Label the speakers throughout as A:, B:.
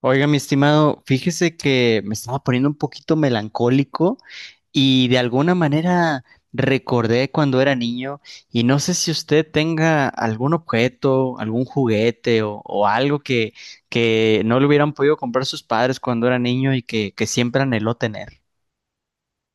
A: Oiga, mi estimado, fíjese que me estaba poniendo un poquito melancólico y de alguna manera recordé cuando era niño y no sé si usted tenga algún objeto, algún juguete o algo que no le hubieran podido comprar sus padres cuando era niño y que siempre anheló tener.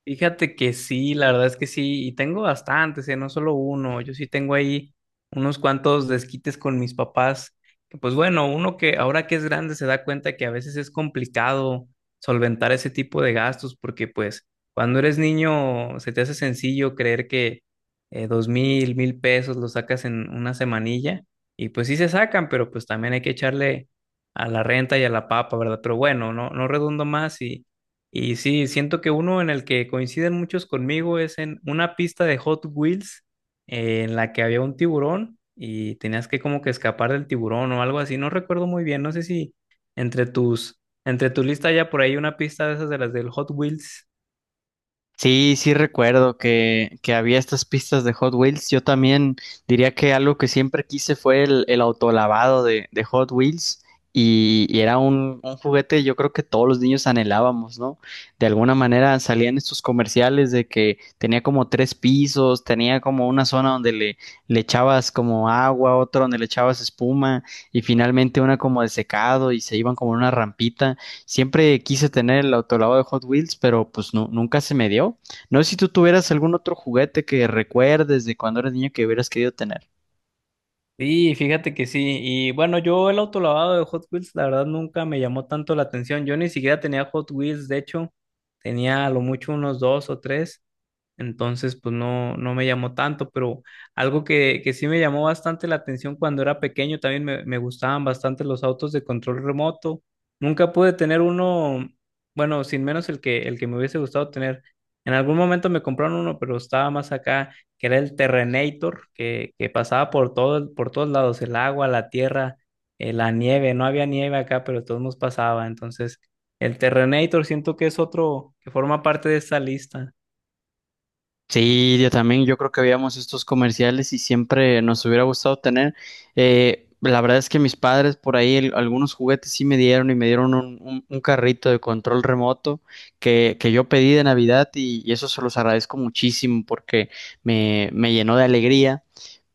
B: Fíjate que sí, la verdad es que sí, y tengo bastantes, ¿eh? No solo uno, yo sí tengo ahí unos cuantos desquites con mis papás, que pues bueno, uno que ahora que es grande se da cuenta que a veces es complicado solventar ese tipo de gastos, porque pues cuando eres niño se te hace sencillo creer que dos mil, mil pesos los sacas en una semanilla, y pues sí se sacan, pero pues también hay que echarle a la renta y a la papa, ¿verdad? Pero bueno, no redundo más y sí, siento que uno en el que coinciden muchos conmigo es en una pista de Hot Wheels en la que había un tiburón y tenías que como que escapar del tiburón o algo así. No recuerdo muy bien, no sé si entre tu lista ya por ahí una pista de esas de las del Hot Wheels.
A: Sí, sí recuerdo que había estas pistas de Hot Wheels. Yo también diría que algo que siempre quise fue el autolavado de Hot Wheels y era un juguete yo creo que todos los niños anhelábamos, ¿no? De alguna manera salían estos comerciales de que tenía como tres pisos, tenía como una zona donde le echabas como agua, otro donde le echabas espuma y finalmente una como de secado y se iban como en una rampita. Siempre quise tener el autolavado de Hot Wheels, pero pues no nunca se me dio. No sé si tú tuvieras algún otro juguete que recuerdes de cuando eras niño que hubieras querido tener.
B: Sí, fíjate que sí. Y bueno, yo el autolavado de Hot Wheels, la verdad nunca me llamó tanto la atención. Yo ni siquiera tenía Hot Wheels, de hecho, tenía a lo mucho unos dos o tres. Entonces, pues no me llamó tanto, pero algo que sí me llamó bastante la atención cuando era pequeño, también me gustaban bastante los autos de control remoto. Nunca pude tener uno, bueno, sin menos el que me hubiese gustado tener. En algún momento me compraron uno, pero estaba más acá, que era el Terrenator, que pasaba por todo, por todos lados, el agua, la tierra, la nieve. No había nieve acá, pero de todos nos pasaba. Entonces, el Terrenator siento que es otro que forma parte de esta lista.
A: Sí, yo también, yo creo que veíamos estos comerciales y siempre nos hubiera gustado tener. La verdad es que mis padres por ahí algunos juguetes sí me dieron y me dieron un carrito de control remoto que yo pedí de Navidad y eso se los agradezco muchísimo porque me llenó de alegría.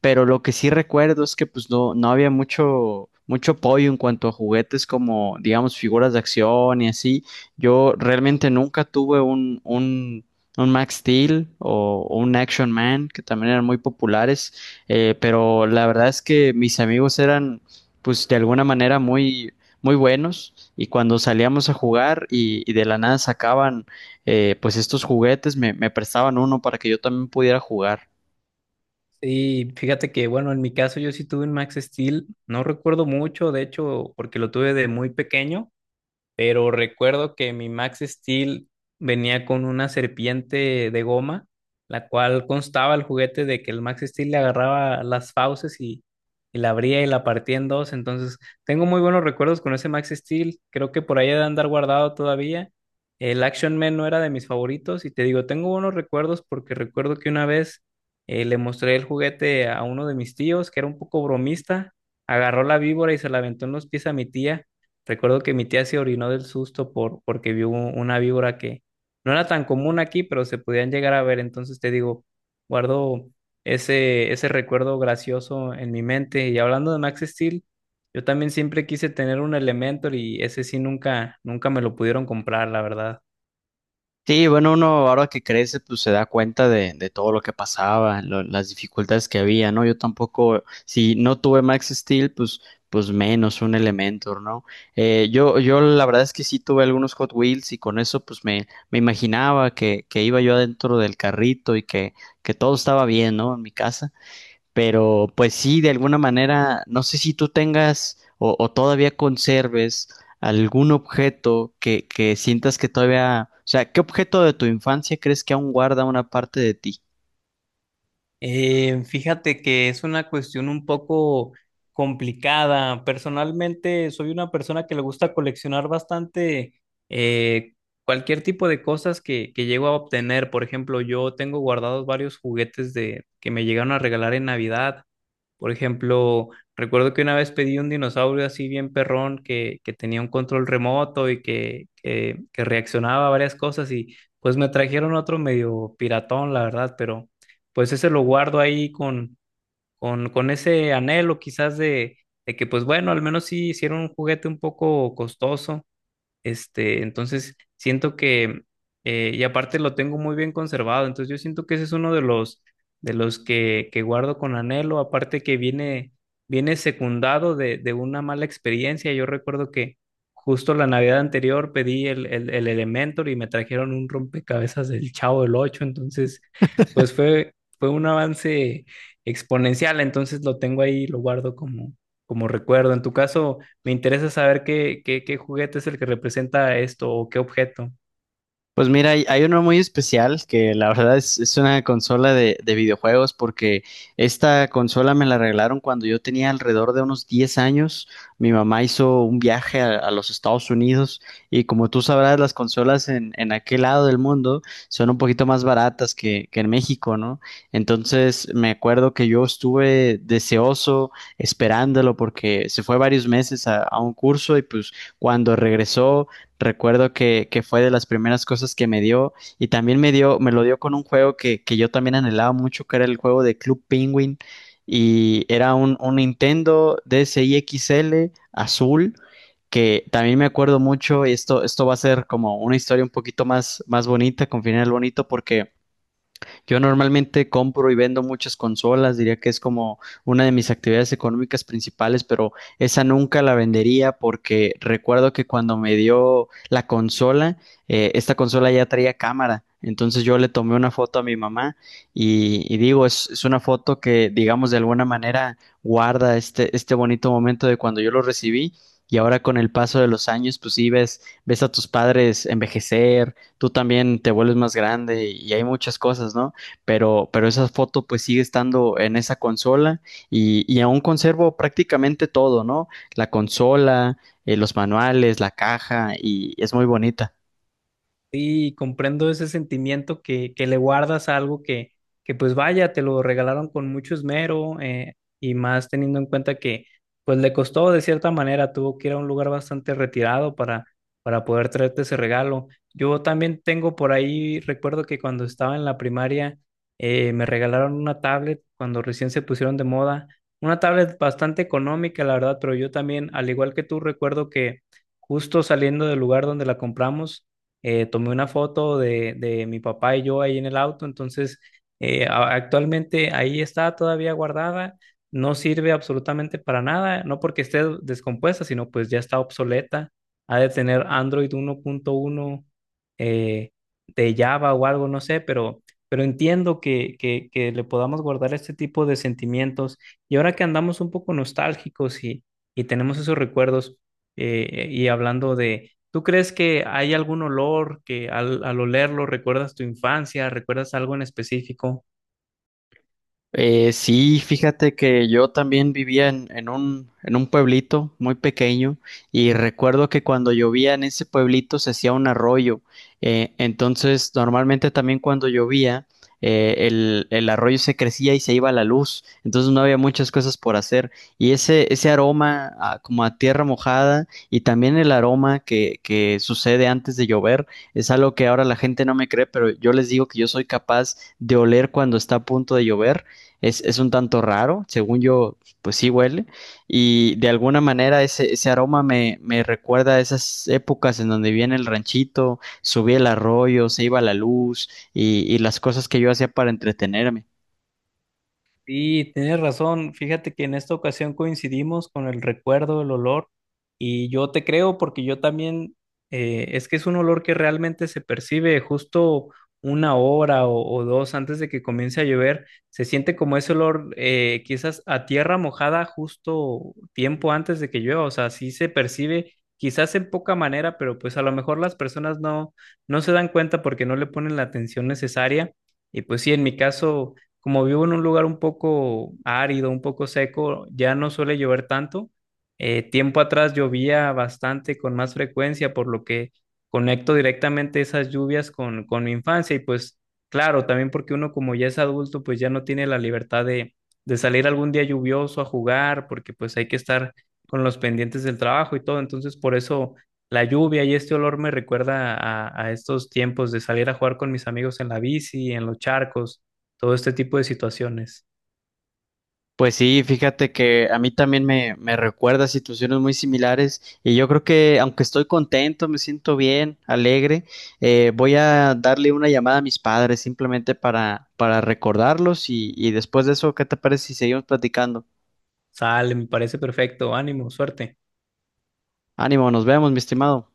A: Pero lo que sí recuerdo es que pues no había mucho apoyo en cuanto a juguetes como, digamos, figuras de acción y así. Yo realmente nunca tuve un Max Steel o un Action Man, que también eran muy populares, pero la verdad es que mis amigos eran, pues, de alguna manera muy buenos y cuando salíamos a jugar y de la nada sacaban pues estos juguetes me prestaban uno para que yo también pudiera jugar.
B: Sí, fíjate que, bueno, en mi caso yo sí tuve un Max Steel, no recuerdo mucho, de hecho, porque lo tuve de muy pequeño pero recuerdo que mi Max Steel venía con una serpiente de goma, la cual constaba el juguete de que el Max Steel le agarraba las fauces y la abría y la partía en dos. Entonces, tengo muy buenos recuerdos con ese Max Steel. Creo que por ahí ha de andar guardado todavía. El Action Man no era de mis favoritos y te digo, tengo buenos recuerdos porque recuerdo que una vez le mostré el juguete a uno de mis tíos que era un poco bromista, agarró la víbora y se la aventó en los pies a mi tía. Recuerdo que mi tía se orinó del susto porque vio una víbora que no era tan común aquí, pero se podían llegar a ver. Entonces te digo, guardo ese recuerdo gracioso en mi mente. Y hablando de Max Steel, yo también siempre quise tener un Elementor y ese sí nunca, nunca me lo pudieron comprar, la verdad.
A: Sí, bueno, uno ahora que crece, pues se da cuenta de todo lo que pasaba, las dificultades que había, ¿no? Yo tampoco, si no tuve Max Steel, pues, pues menos un Elementor, ¿no? Yo la verdad es que sí tuve algunos Hot Wheels y con eso, pues me imaginaba que iba yo adentro del carrito y que todo estaba bien, ¿no? En mi casa. Pero pues sí, de alguna manera, no sé si tú tengas o todavía conserves algún objeto que sientas que todavía, o sea, ¿qué objeto de tu infancia crees que aún guarda una parte de ti?
B: Fíjate que es una cuestión un poco complicada. Personalmente soy una persona que le gusta coleccionar bastante eh, cualquier tipo de cosas que llego a obtener. Por ejemplo, yo tengo guardados varios juguetes que me llegaron a regalar en Navidad. Por ejemplo, recuerdo que una vez pedí un dinosaurio así bien perrón que tenía un control remoto y que reaccionaba a varias cosas y pues me trajeron otro medio piratón, la verdad, pero pues ese lo guardo ahí con ese anhelo quizás de que pues bueno, al menos sí hicieron un juguete un poco costoso este, entonces siento que, y aparte lo tengo muy bien conservado, entonces yo siento que ese es uno de los que guardo con anhelo, aparte que viene, viene secundado de una mala experiencia. Yo recuerdo que justo la Navidad anterior pedí el Elementor y me trajeron un rompecabezas del Chavo del Ocho, entonces pues fue un avance exponencial, entonces lo tengo ahí, lo guardo como, como recuerdo. En tu caso me interesa saber qué juguete es el que representa esto o qué objeto.
A: Pues mira, hay uno muy especial que la verdad es una consola de videojuegos porque esta consola me la regalaron cuando yo tenía alrededor de unos 10 años. Mi mamá hizo un viaje a los Estados Unidos y como tú sabrás, las consolas en aquel lado del mundo son un poquito más baratas que en México, ¿no? Entonces me acuerdo que yo estuve deseoso esperándolo porque se fue varios meses a un curso y pues cuando regresó, recuerdo que fue de las primeras cosas que me dio y también me dio, me lo dio con un juego que yo también anhelaba mucho, que era el juego de Club Penguin y era un Nintendo DSi XL azul que también me acuerdo mucho y esto va a ser como una historia un poquito más, más bonita, con final bonito porque yo normalmente compro y vendo muchas consolas, diría que es como una de mis actividades económicas principales, pero esa nunca la vendería porque recuerdo que cuando me dio la consola, esta consola ya traía cámara. Entonces yo le tomé una foto a mi mamá y digo, es una foto que, digamos, de alguna manera guarda este, este bonito momento de cuando yo lo recibí y ahora con el paso de los años, pues sí ves, ves a tus padres envejecer, tú también te vuelves más grande y hay muchas cosas, ¿no? Pero esa foto pues sigue estando en esa consola y aún conservo prácticamente todo, ¿no? La consola, los manuales, la caja y es muy bonita.
B: Sí, comprendo ese sentimiento que le guardas a algo que pues vaya, te lo regalaron con mucho esmero y más teniendo en cuenta que pues le costó de cierta manera, tuvo que ir a un lugar bastante retirado para poder traerte ese regalo. Yo también tengo por ahí, recuerdo que cuando estaba en la primaria me regalaron una tablet cuando recién se pusieron de moda, una tablet bastante económica, la verdad, pero yo también, al igual que tú, recuerdo que justo saliendo del lugar donde la compramos, tomé una foto de mi papá y yo ahí en el auto, entonces actualmente ahí está todavía guardada, no sirve absolutamente para nada, no porque esté descompuesta, sino pues ya está obsoleta, ha de tener Android 1.1 eh, de Java o algo, no sé, pero entiendo que le podamos guardar este tipo de sentimientos y ahora que andamos un poco nostálgicos y tenemos esos recuerdos y hablando de ¿Tú crees que hay algún olor que al olerlo recuerdas tu infancia, recuerdas algo en específico?
A: Sí, fíjate que yo también vivía en un pueblito muy pequeño y recuerdo que cuando llovía en ese pueblito se hacía un arroyo. Entonces, normalmente también cuando llovía, el arroyo se crecía y se iba la luz. Entonces no había muchas cosas por hacer. Y ese aroma como a tierra mojada y también el aroma que sucede antes de llover es algo que ahora la gente no me cree, pero yo les digo que yo soy capaz de oler cuando está a punto de llover. Es un tanto raro, según yo, pues sí huele. Y de alguna manera ese, ese aroma me recuerda a esas épocas en donde viene el ranchito, subía el arroyo, se iba la luz y las cosas que yo hacía para entretenerme.
B: Sí, tienes razón. Fíjate que en esta ocasión coincidimos con el recuerdo, el olor, y yo te creo porque yo también, es que es un olor que realmente se percibe justo una hora o dos antes de que comience a llover. Se siente como ese olor, quizás a tierra mojada justo tiempo antes de que llueva. O sea, sí se percibe, quizás en poca manera, pero pues a lo mejor las personas no se dan cuenta porque no le ponen la atención necesaria. Y pues sí, en mi caso como vivo en un lugar un poco árido, un poco seco, ya no suele llover tanto. Tiempo atrás llovía bastante con más frecuencia, por lo que conecto directamente esas lluvias con mi infancia y pues claro, también porque uno como ya es adulto, pues ya no tiene la libertad de salir algún día lluvioso a jugar, porque pues hay que estar con los pendientes del trabajo y todo, entonces por eso la lluvia y este olor me recuerda a estos tiempos de salir a jugar con mis amigos en la bici, en los charcos todo este tipo de situaciones.
A: Pues sí, fíjate que a mí también me recuerda situaciones muy similares y yo creo que aunque estoy contento, me siento bien, alegre, voy a darle una llamada a mis padres simplemente para recordarlos y después de eso, ¿qué te parece si seguimos platicando?
B: Sale, me parece perfecto, ánimo, suerte.
A: Ánimo, nos vemos, mi estimado.